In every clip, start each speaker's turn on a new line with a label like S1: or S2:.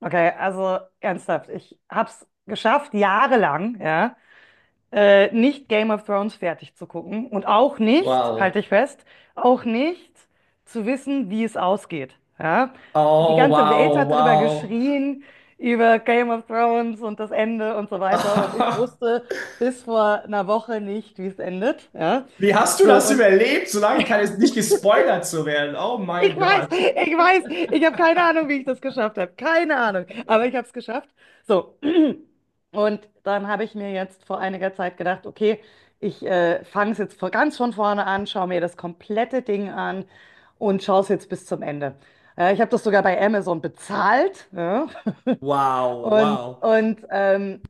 S1: Okay, also ernsthaft, ich hab's geschafft, jahrelang, ja, nicht Game of Thrones fertig zu gucken und auch nicht, halte
S2: Wow.
S1: ich fest, auch nicht zu wissen, wie es ausgeht. Ja. Die
S2: Oh,
S1: ganze Welt
S2: wow,
S1: hat darüber
S2: wow.
S1: geschrien, über Game of Thrones und das Ende und so weiter und ich wusste bis vor einer Woche nicht, wie es endet. Ja.
S2: Wie hast du
S1: So,
S2: das
S1: und
S2: überlebt, solange kann es nicht gespoilert zu werden? Oh mein
S1: ich weiß,
S2: Gott.
S1: ich weiß, ich habe keine Ahnung, wie ich das geschafft habe, keine Ahnung, aber ich habe es geschafft. So. Und dann habe ich mir jetzt vor einiger Zeit gedacht, okay, ich fange es jetzt vor, ganz von vorne an, schaue mir das komplette Ding an und schaue es jetzt bis zum Ende. Ich habe das sogar bei Amazon bezahlt. Ja.
S2: Wow,
S1: Und,
S2: wow.
S1: und ähm,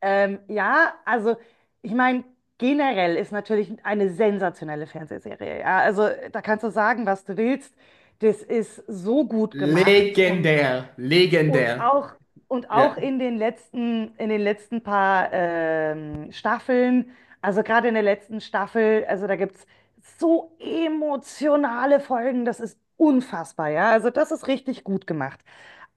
S1: ähm, ja, also ich meine, generell ist natürlich eine sensationelle Fernsehserie. Ja. Also da kannst du sagen, was du willst. Das ist so gut gemacht und
S2: Legendär,
S1: und
S2: legendär.
S1: auch, und
S2: Ja.
S1: auch in den letzten paar Staffeln, also gerade in der letzten Staffel, also da gibt es so emotionale Folgen, das ist unfassbar, ja. Also das ist richtig gut gemacht.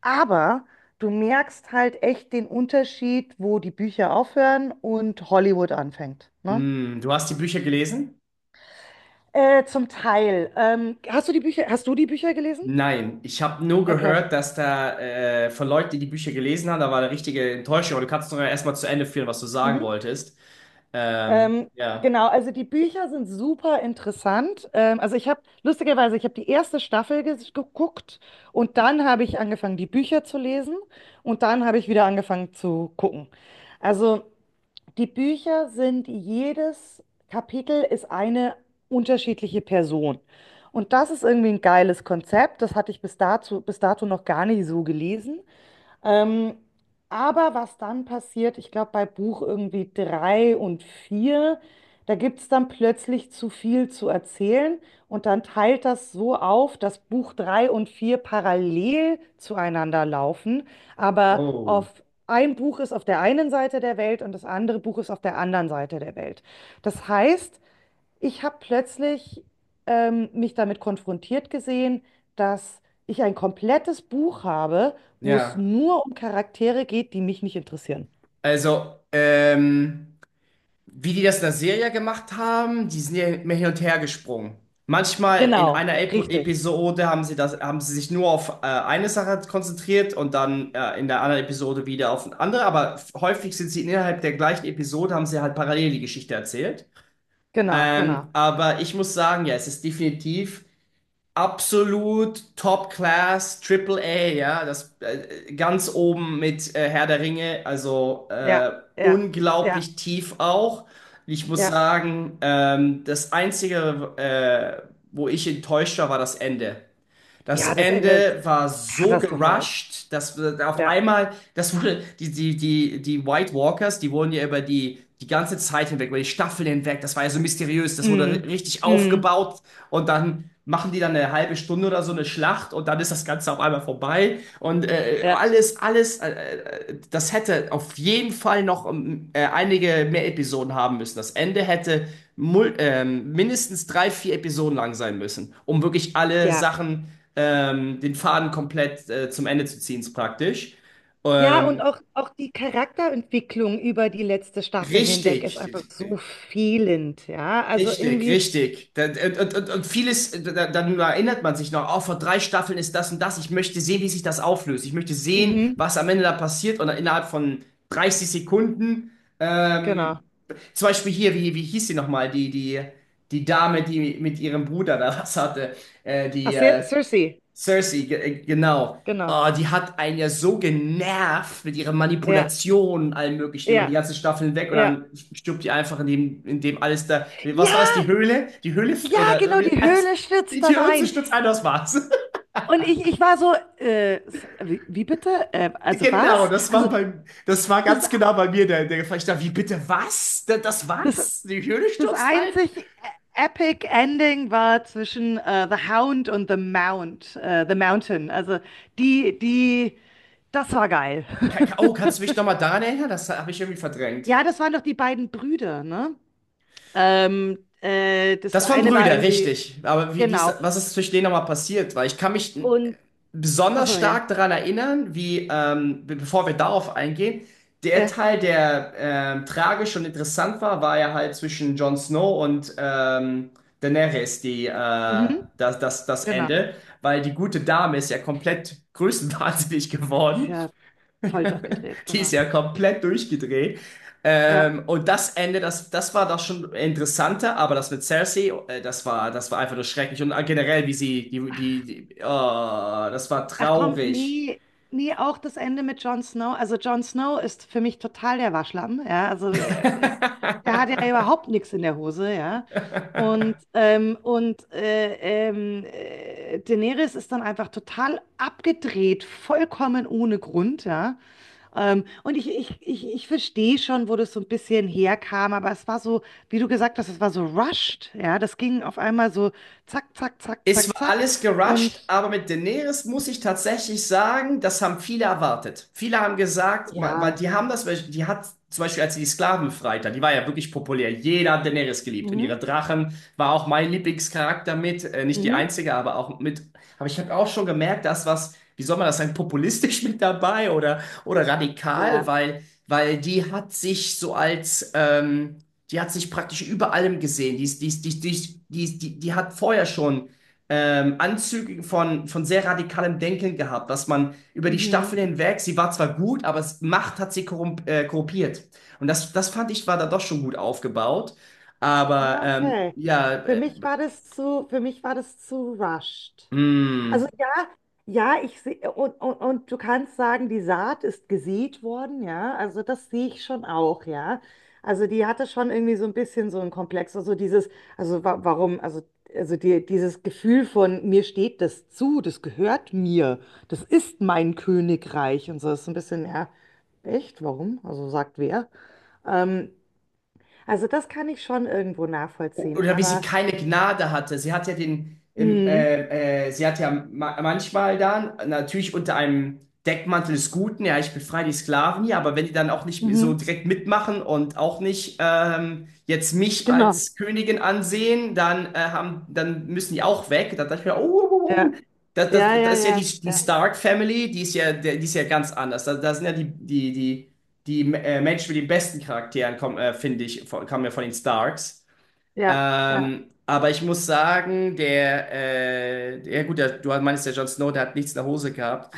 S1: Aber du merkst halt echt den Unterschied, wo die Bücher aufhören und Hollywood anfängt, ne?
S2: Hm, du hast die Bücher gelesen?
S1: Zum Teil. Ähm, hast du die Bücher gelesen?
S2: Nein, ich habe nur
S1: Okay.
S2: gehört, dass da von Leuten, die die Bücher gelesen haben, da war eine richtige Enttäuschung. Aber du kannst doch erstmal zu Ende führen, was du sagen
S1: Mhm.
S2: wolltest.
S1: Ähm,
S2: Ja.
S1: genau, also die Bücher sind super interessant. Also ich habe, lustigerweise, ich habe die erste Staffel geguckt und dann habe ich angefangen, die Bücher zu lesen und dann habe ich wieder angefangen zu gucken. Also die Bücher sind, jedes Kapitel ist eine unterschiedliche Person. Und das ist irgendwie ein geiles Konzept. Das hatte ich bis dato noch gar nicht so gelesen. Ähm, aber was dann passiert, ich glaube bei Buch irgendwie drei und vier, da gibt es dann plötzlich zu viel zu erzählen und dann teilt das so auf, dass Buch drei und vier parallel zueinander laufen, aber
S2: Oh.
S1: auf ein Buch ist auf der einen Seite der Welt und das andere Buch ist auf der anderen Seite der Welt. Das heißt, ich habe plötzlich mich damit konfrontiert gesehen, dass ich ein komplettes Buch habe, wo es
S2: Ja.
S1: nur um Charaktere geht, die mich nicht interessieren.
S2: Also, wie die das in der Serie gemacht haben, die sind ja immer hin und her gesprungen. Manchmal in
S1: Genau,
S2: einer
S1: richtig.
S2: Episode haben sie sich nur auf eine Sache konzentriert und dann in der anderen Episode wieder auf eine andere, aber häufig sind sie innerhalb der gleichen Episode, haben sie halt parallel die Geschichte erzählt.
S1: Genau, genau.
S2: Aber ich muss sagen, ja, es ist definitiv absolut Top Class, Triple A, ja, das ganz oben mit Herr der Ringe, also
S1: Ja, ja, ja,
S2: unglaublich tief auch. Ich muss
S1: ja.
S2: sagen, das Einzige, wo ich enttäuscht war, war das Ende. Das
S1: Ja, das Ende ist
S2: Ende war so
S1: katastrophal.
S2: gerusht, dass auf
S1: Ja.
S2: einmal, das wurde, die White Walkers, die wurden ja über die ganze Zeit hinweg, über die Staffel hinweg, das war ja so mysteriös, das wurde
S1: Mm,
S2: richtig
S1: mm.
S2: aufgebaut, und dann machen die dann eine halbe Stunde oder so eine Schlacht und dann ist das Ganze auf einmal vorbei, und
S1: Ja,
S2: das hätte auf jeden Fall noch einige mehr Episoden haben müssen. Das Ende hätte mindestens drei, vier Episoden lang sein müssen, um wirklich alle
S1: ja.
S2: Sachen den Faden komplett zum Ende zu ziehen, ist praktisch.
S1: Ja, und
S2: Ähm,
S1: auch, auch die Charakterentwicklung über die letzte Staffel hinweg
S2: richtig,
S1: ist einfach so fehlend, ja. Also
S2: richtig,
S1: irgendwie,
S2: richtig. Und, und vieles, dann erinnert man sich noch, oh, vor drei Staffeln ist das und das. Ich möchte sehen, wie sich das auflöst. Ich möchte sehen,
S1: mhm,
S2: was am Ende da passiert. Und innerhalb von 30 Sekunden, ähm,
S1: genau.
S2: zum Beispiel hier, wie hieß sie nochmal, die Dame, die mit ihrem Bruder da was hatte,
S1: Ach,
S2: die
S1: Cersei.
S2: Cersei, ge genau.
S1: Genau.
S2: Oh, die hat einen ja so genervt mit ihrer
S1: Ja,
S2: Manipulation und allem Möglichen über die
S1: ja,
S2: ganze Staffel hinweg, und
S1: ja.
S2: dann stirbt die einfach in dem alles da. Was
S1: Ja,
S2: war es, die Höhle?
S1: ja,
S2: Oder
S1: genau,
S2: irgendwie
S1: die
S2: alles.
S1: Höhle
S2: Die
S1: stürzt dann
S2: Tür zu
S1: ein.
S2: stürzt ein, das war's.
S1: Und ich war so, wie, wie bitte? Also
S2: Genau,
S1: was? Also
S2: das war
S1: das,
S2: ganz genau bei mir der, der Fall. Ich dachte, wie bitte was? Das
S1: das,
S2: war's? Die Höhle
S1: das
S2: stürzt ein?
S1: einzig epic Ending war zwischen The Hound und The Mountain. Also die, die, das war geil.
S2: Oh, kannst du mich nochmal daran erinnern? Das habe ich irgendwie verdrängt.
S1: Ja, das waren doch die beiden Brüder, ne? Das
S2: Das waren
S1: eine war
S2: Brüder,
S1: irgendwie,
S2: richtig. Aber wie ist,
S1: genau.
S2: was ist zwischen denen nochmal passiert? Weil ich kann mich
S1: Und,
S2: besonders
S1: achso, ja.
S2: stark daran erinnern, wie, bevor wir darauf eingehen, der
S1: Ja,
S2: Teil, der tragisch und interessant war, war ja halt zwischen Jon Snow und Daenerys,
S1: mhm,
S2: das
S1: genau.
S2: Ende. Weil die gute Dame ist ja komplett größenwahnsinnig
S1: Die ist
S2: geworden,
S1: ja voll durchgedreht,
S2: die
S1: genau.
S2: ist ja komplett durchgedreht.
S1: Ja.
S2: Und das Ende, das war das schon interessanter, aber das mit Cersei, das war einfach nur schrecklich. Und generell, wie sie, oh, das war
S1: Ach komm,
S2: traurig.
S1: nee, nee, auch das Ende mit Jon Snow. Also Jon Snow ist für mich total der Waschlappen, ja. Also der hat ja überhaupt nichts in der Hose, ja. Und Daenerys ist dann einfach total abgedreht, vollkommen ohne Grund, ja. Und ich verstehe schon, wo das so ein bisschen herkam, aber es war so, wie du gesagt hast, es war so rushed. Ja, das ging auf einmal so zack, zack, zack,
S2: Es
S1: zack,
S2: war
S1: zack.
S2: alles gerusht,
S1: Und
S2: aber mit Daenerys muss ich tatsächlich sagen, das haben viele erwartet. Viele haben gesagt, weil
S1: ja,
S2: die haben das, die hat zum Beispiel, als sie die Sklaven freit hat, die war ja wirklich populär. Jeder hat Daenerys geliebt, und
S1: mhm,
S2: ihre Drachen war auch mein Lieblingscharakter mit, nicht die
S1: mhm,
S2: einzige, aber auch mit. Aber ich habe auch schon gemerkt, dass was, wie soll man das sagen, populistisch mit dabei oder radikal,
S1: ja.
S2: weil die hat sich so als die hat sich praktisch über allem gesehen. Die, ist- die, ist- die, die, die, die, die hat vorher schon Anzüge von sehr radikalem Denken gehabt, dass man über die
S1: Mhm.
S2: Staffeln hinweg, sie war zwar gut, aber es, Macht hat sie korrumpiert. Und das, das fand ich, war da doch schon gut aufgebaut. Aber
S1: Ah, okay.
S2: ja,
S1: Für mich war für mich war das zu rushed. Also
S2: äh,
S1: ja, ja, ich sehe, und, und du kannst sagen, die Saat ist gesät worden, ja, also das sehe ich schon auch, ja. Also die hatte schon irgendwie so ein bisschen so ein Komplex, also dieses, also wa warum, also die, dieses Gefühl von, mir steht das zu, das gehört mir, das ist mein Königreich und so ist so ein bisschen, ja, echt, warum? Also sagt wer? Ähm, also das kann ich schon irgendwo nachvollziehen,
S2: oder wie sie
S1: aber,
S2: keine Gnade hatte. Sie hat ja den, im,
S1: mh,
S2: sie hat ja ma manchmal dann, natürlich unter einem Deckmantel des Guten, ja, ich befreie die Sklaven hier, aber wenn die dann auch nicht so
S1: mhm,
S2: direkt mitmachen und auch nicht jetzt mich
S1: genau,
S2: als Königin ansehen, dann, dann müssen die auch weg. Da dachte ich mir, oh, oh, oh,
S1: ja,
S2: oh.
S1: ja,
S2: Das
S1: ja,
S2: ist ja
S1: ja.
S2: die, die
S1: Ja.
S2: Stark Family, die ist ja ganz anders. Da sind ja die Menschen mit den besten Charakteren, finde ich, kamen ja von den Starks.
S1: Ja, ja.
S2: Aber ich muss sagen, ja gut, der, du meinst, der Jon Snow, der hat nichts in der Hose gehabt.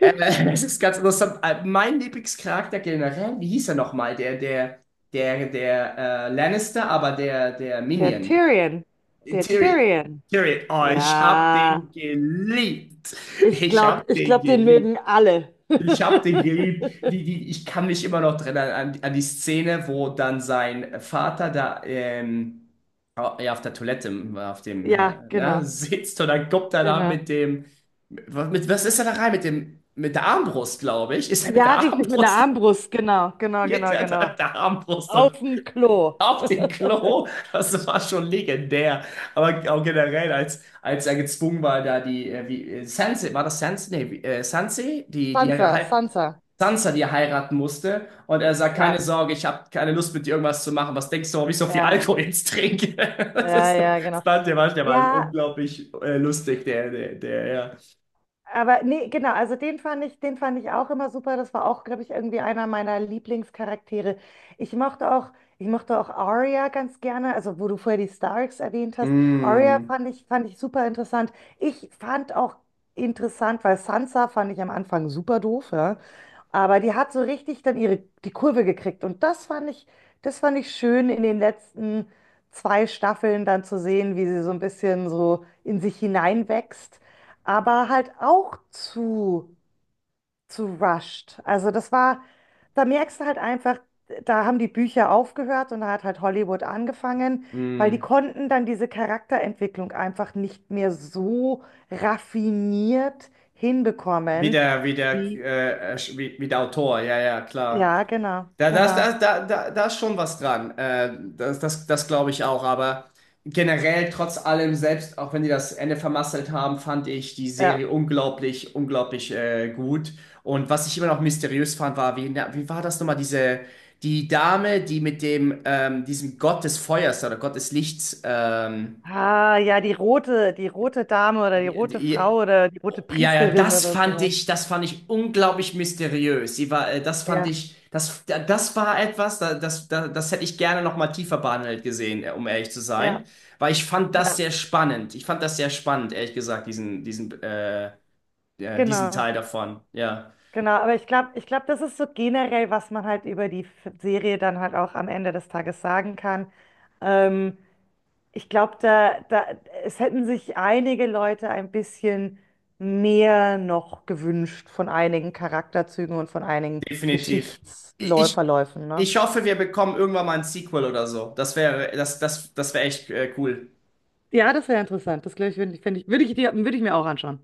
S2: Äh, das ist ganz interessant. Mein Lieblingscharakter generell, wie hieß er nochmal? Der Lannister, aber der, der
S1: Der
S2: Minion.
S1: Tyrion. Der
S2: Tyrion.
S1: Tyrion.
S2: Tyrion. Oh, ich hab
S1: Ja.
S2: den geliebt.
S1: Ich
S2: Ich
S1: glaube,
S2: hab
S1: ich
S2: den
S1: glaub, den
S2: geliebt.
S1: mögen alle.
S2: Ich hab den geliebt. Ich kann mich immer noch dran an die Szene, wo dann sein Vater da ja, auf der Toilette auf dem
S1: Ja,
S2: ne,
S1: genau,
S2: sitzt und dann kommt er da
S1: genau.
S2: mit was ist er da rein? Mit dem mit der Armbrust, glaube ich. Ist er mit
S1: Ja,
S2: der
S1: richtig, mit einer
S2: Armbrust?
S1: Armbrust. Genau, genau,
S2: Liegt
S1: genau,
S2: er da
S1: genau.
S2: mit der Armbrust
S1: Auf
S2: und
S1: dem Klo.
S2: auf den Klo? Das war schon legendär. Aber auch generell, als er gezwungen war, da die, Sansa, war das Sansa? Nee, Sansa, die, die
S1: Sansa, Sansa.
S2: Sansa, die er heiraten musste. Und er sagt, keine
S1: Ja,
S2: Sorge, ich habe keine Lust mit dir irgendwas zu machen. Was denkst du, warum ich so viel
S1: ja,
S2: Alkohol jetzt trinke?
S1: ja,
S2: Das
S1: ja, genau.
S2: fand der war der mal
S1: Ja.
S2: unglaublich lustig, der, ja.
S1: Aber nee, genau, also den fand ich auch immer super. Das war auch, glaube ich, irgendwie einer meiner Lieblingscharaktere. Ich mochte auch, ich mochte auch Arya ganz gerne, also wo du vorher die Starks erwähnt hast. Arya
S2: Mm,
S1: fand ich super interessant. Ich fand auch interessant, weil Sansa fand ich am Anfang super doof, ja. Aber die hat so richtig dann die Kurve gekriegt. Und das fand ich schön in den letzten zwei Staffeln dann zu sehen, wie sie so ein bisschen so in sich hineinwächst, aber halt auch zu rushed. Also das war, da merkst du halt einfach, da haben die Bücher aufgehört und da hat halt Hollywood angefangen, weil die
S2: mm.
S1: konnten dann diese Charakterentwicklung einfach nicht mehr so raffiniert hinbekommen, wie,
S2: Wie der Autor, ja, ja, klar.
S1: ja, genau,
S2: Da, da, ist-
S1: genau,
S2: da, da, da, da ist schon was dran. Das glaube ich auch. Aber generell, trotz allem, selbst auch wenn die das Ende vermasselt haben, fand ich die
S1: ja.
S2: Serie unglaublich, unglaublich gut. Und was ich immer noch mysteriös fand, war, wie war das nochmal, die Dame, die mit dem, diesem Gott des Feuers oder Gott des Lichts,
S1: Ah, ja, die rote Dame oder die
S2: die,
S1: rote
S2: die,
S1: Frau oder die rote
S2: ja,
S1: Priesterin oder sowas.
S2: das fand ich unglaublich mysteriös. Sie war, das fand
S1: Ja,
S2: ich, das war etwas, das hätte ich gerne noch mal tiefer behandelt gesehen, um ehrlich zu sein,
S1: ja,
S2: weil ich fand das
S1: ja,
S2: sehr spannend. Ich fand das sehr spannend, ehrlich gesagt, diesen, ja, diesen
S1: genau.
S2: Teil davon. Ja,
S1: Genau, aber ich glaube, das ist so generell, was man halt über die Serie dann halt auch am Ende des Tages sagen kann. Ähm, ich glaube, es hätten sich einige Leute ein bisschen mehr noch gewünscht von einigen Charakterzügen und von einigen
S2: definitiv. Ich,
S1: Geschichtsverläufen, ne?
S2: ich hoffe, wir bekommen irgendwann mal ein Sequel oder so. Das wäre echt, cool.
S1: Ja, das wäre interessant. Das glaube ich, finde ich, find ich, würde ich mir auch anschauen.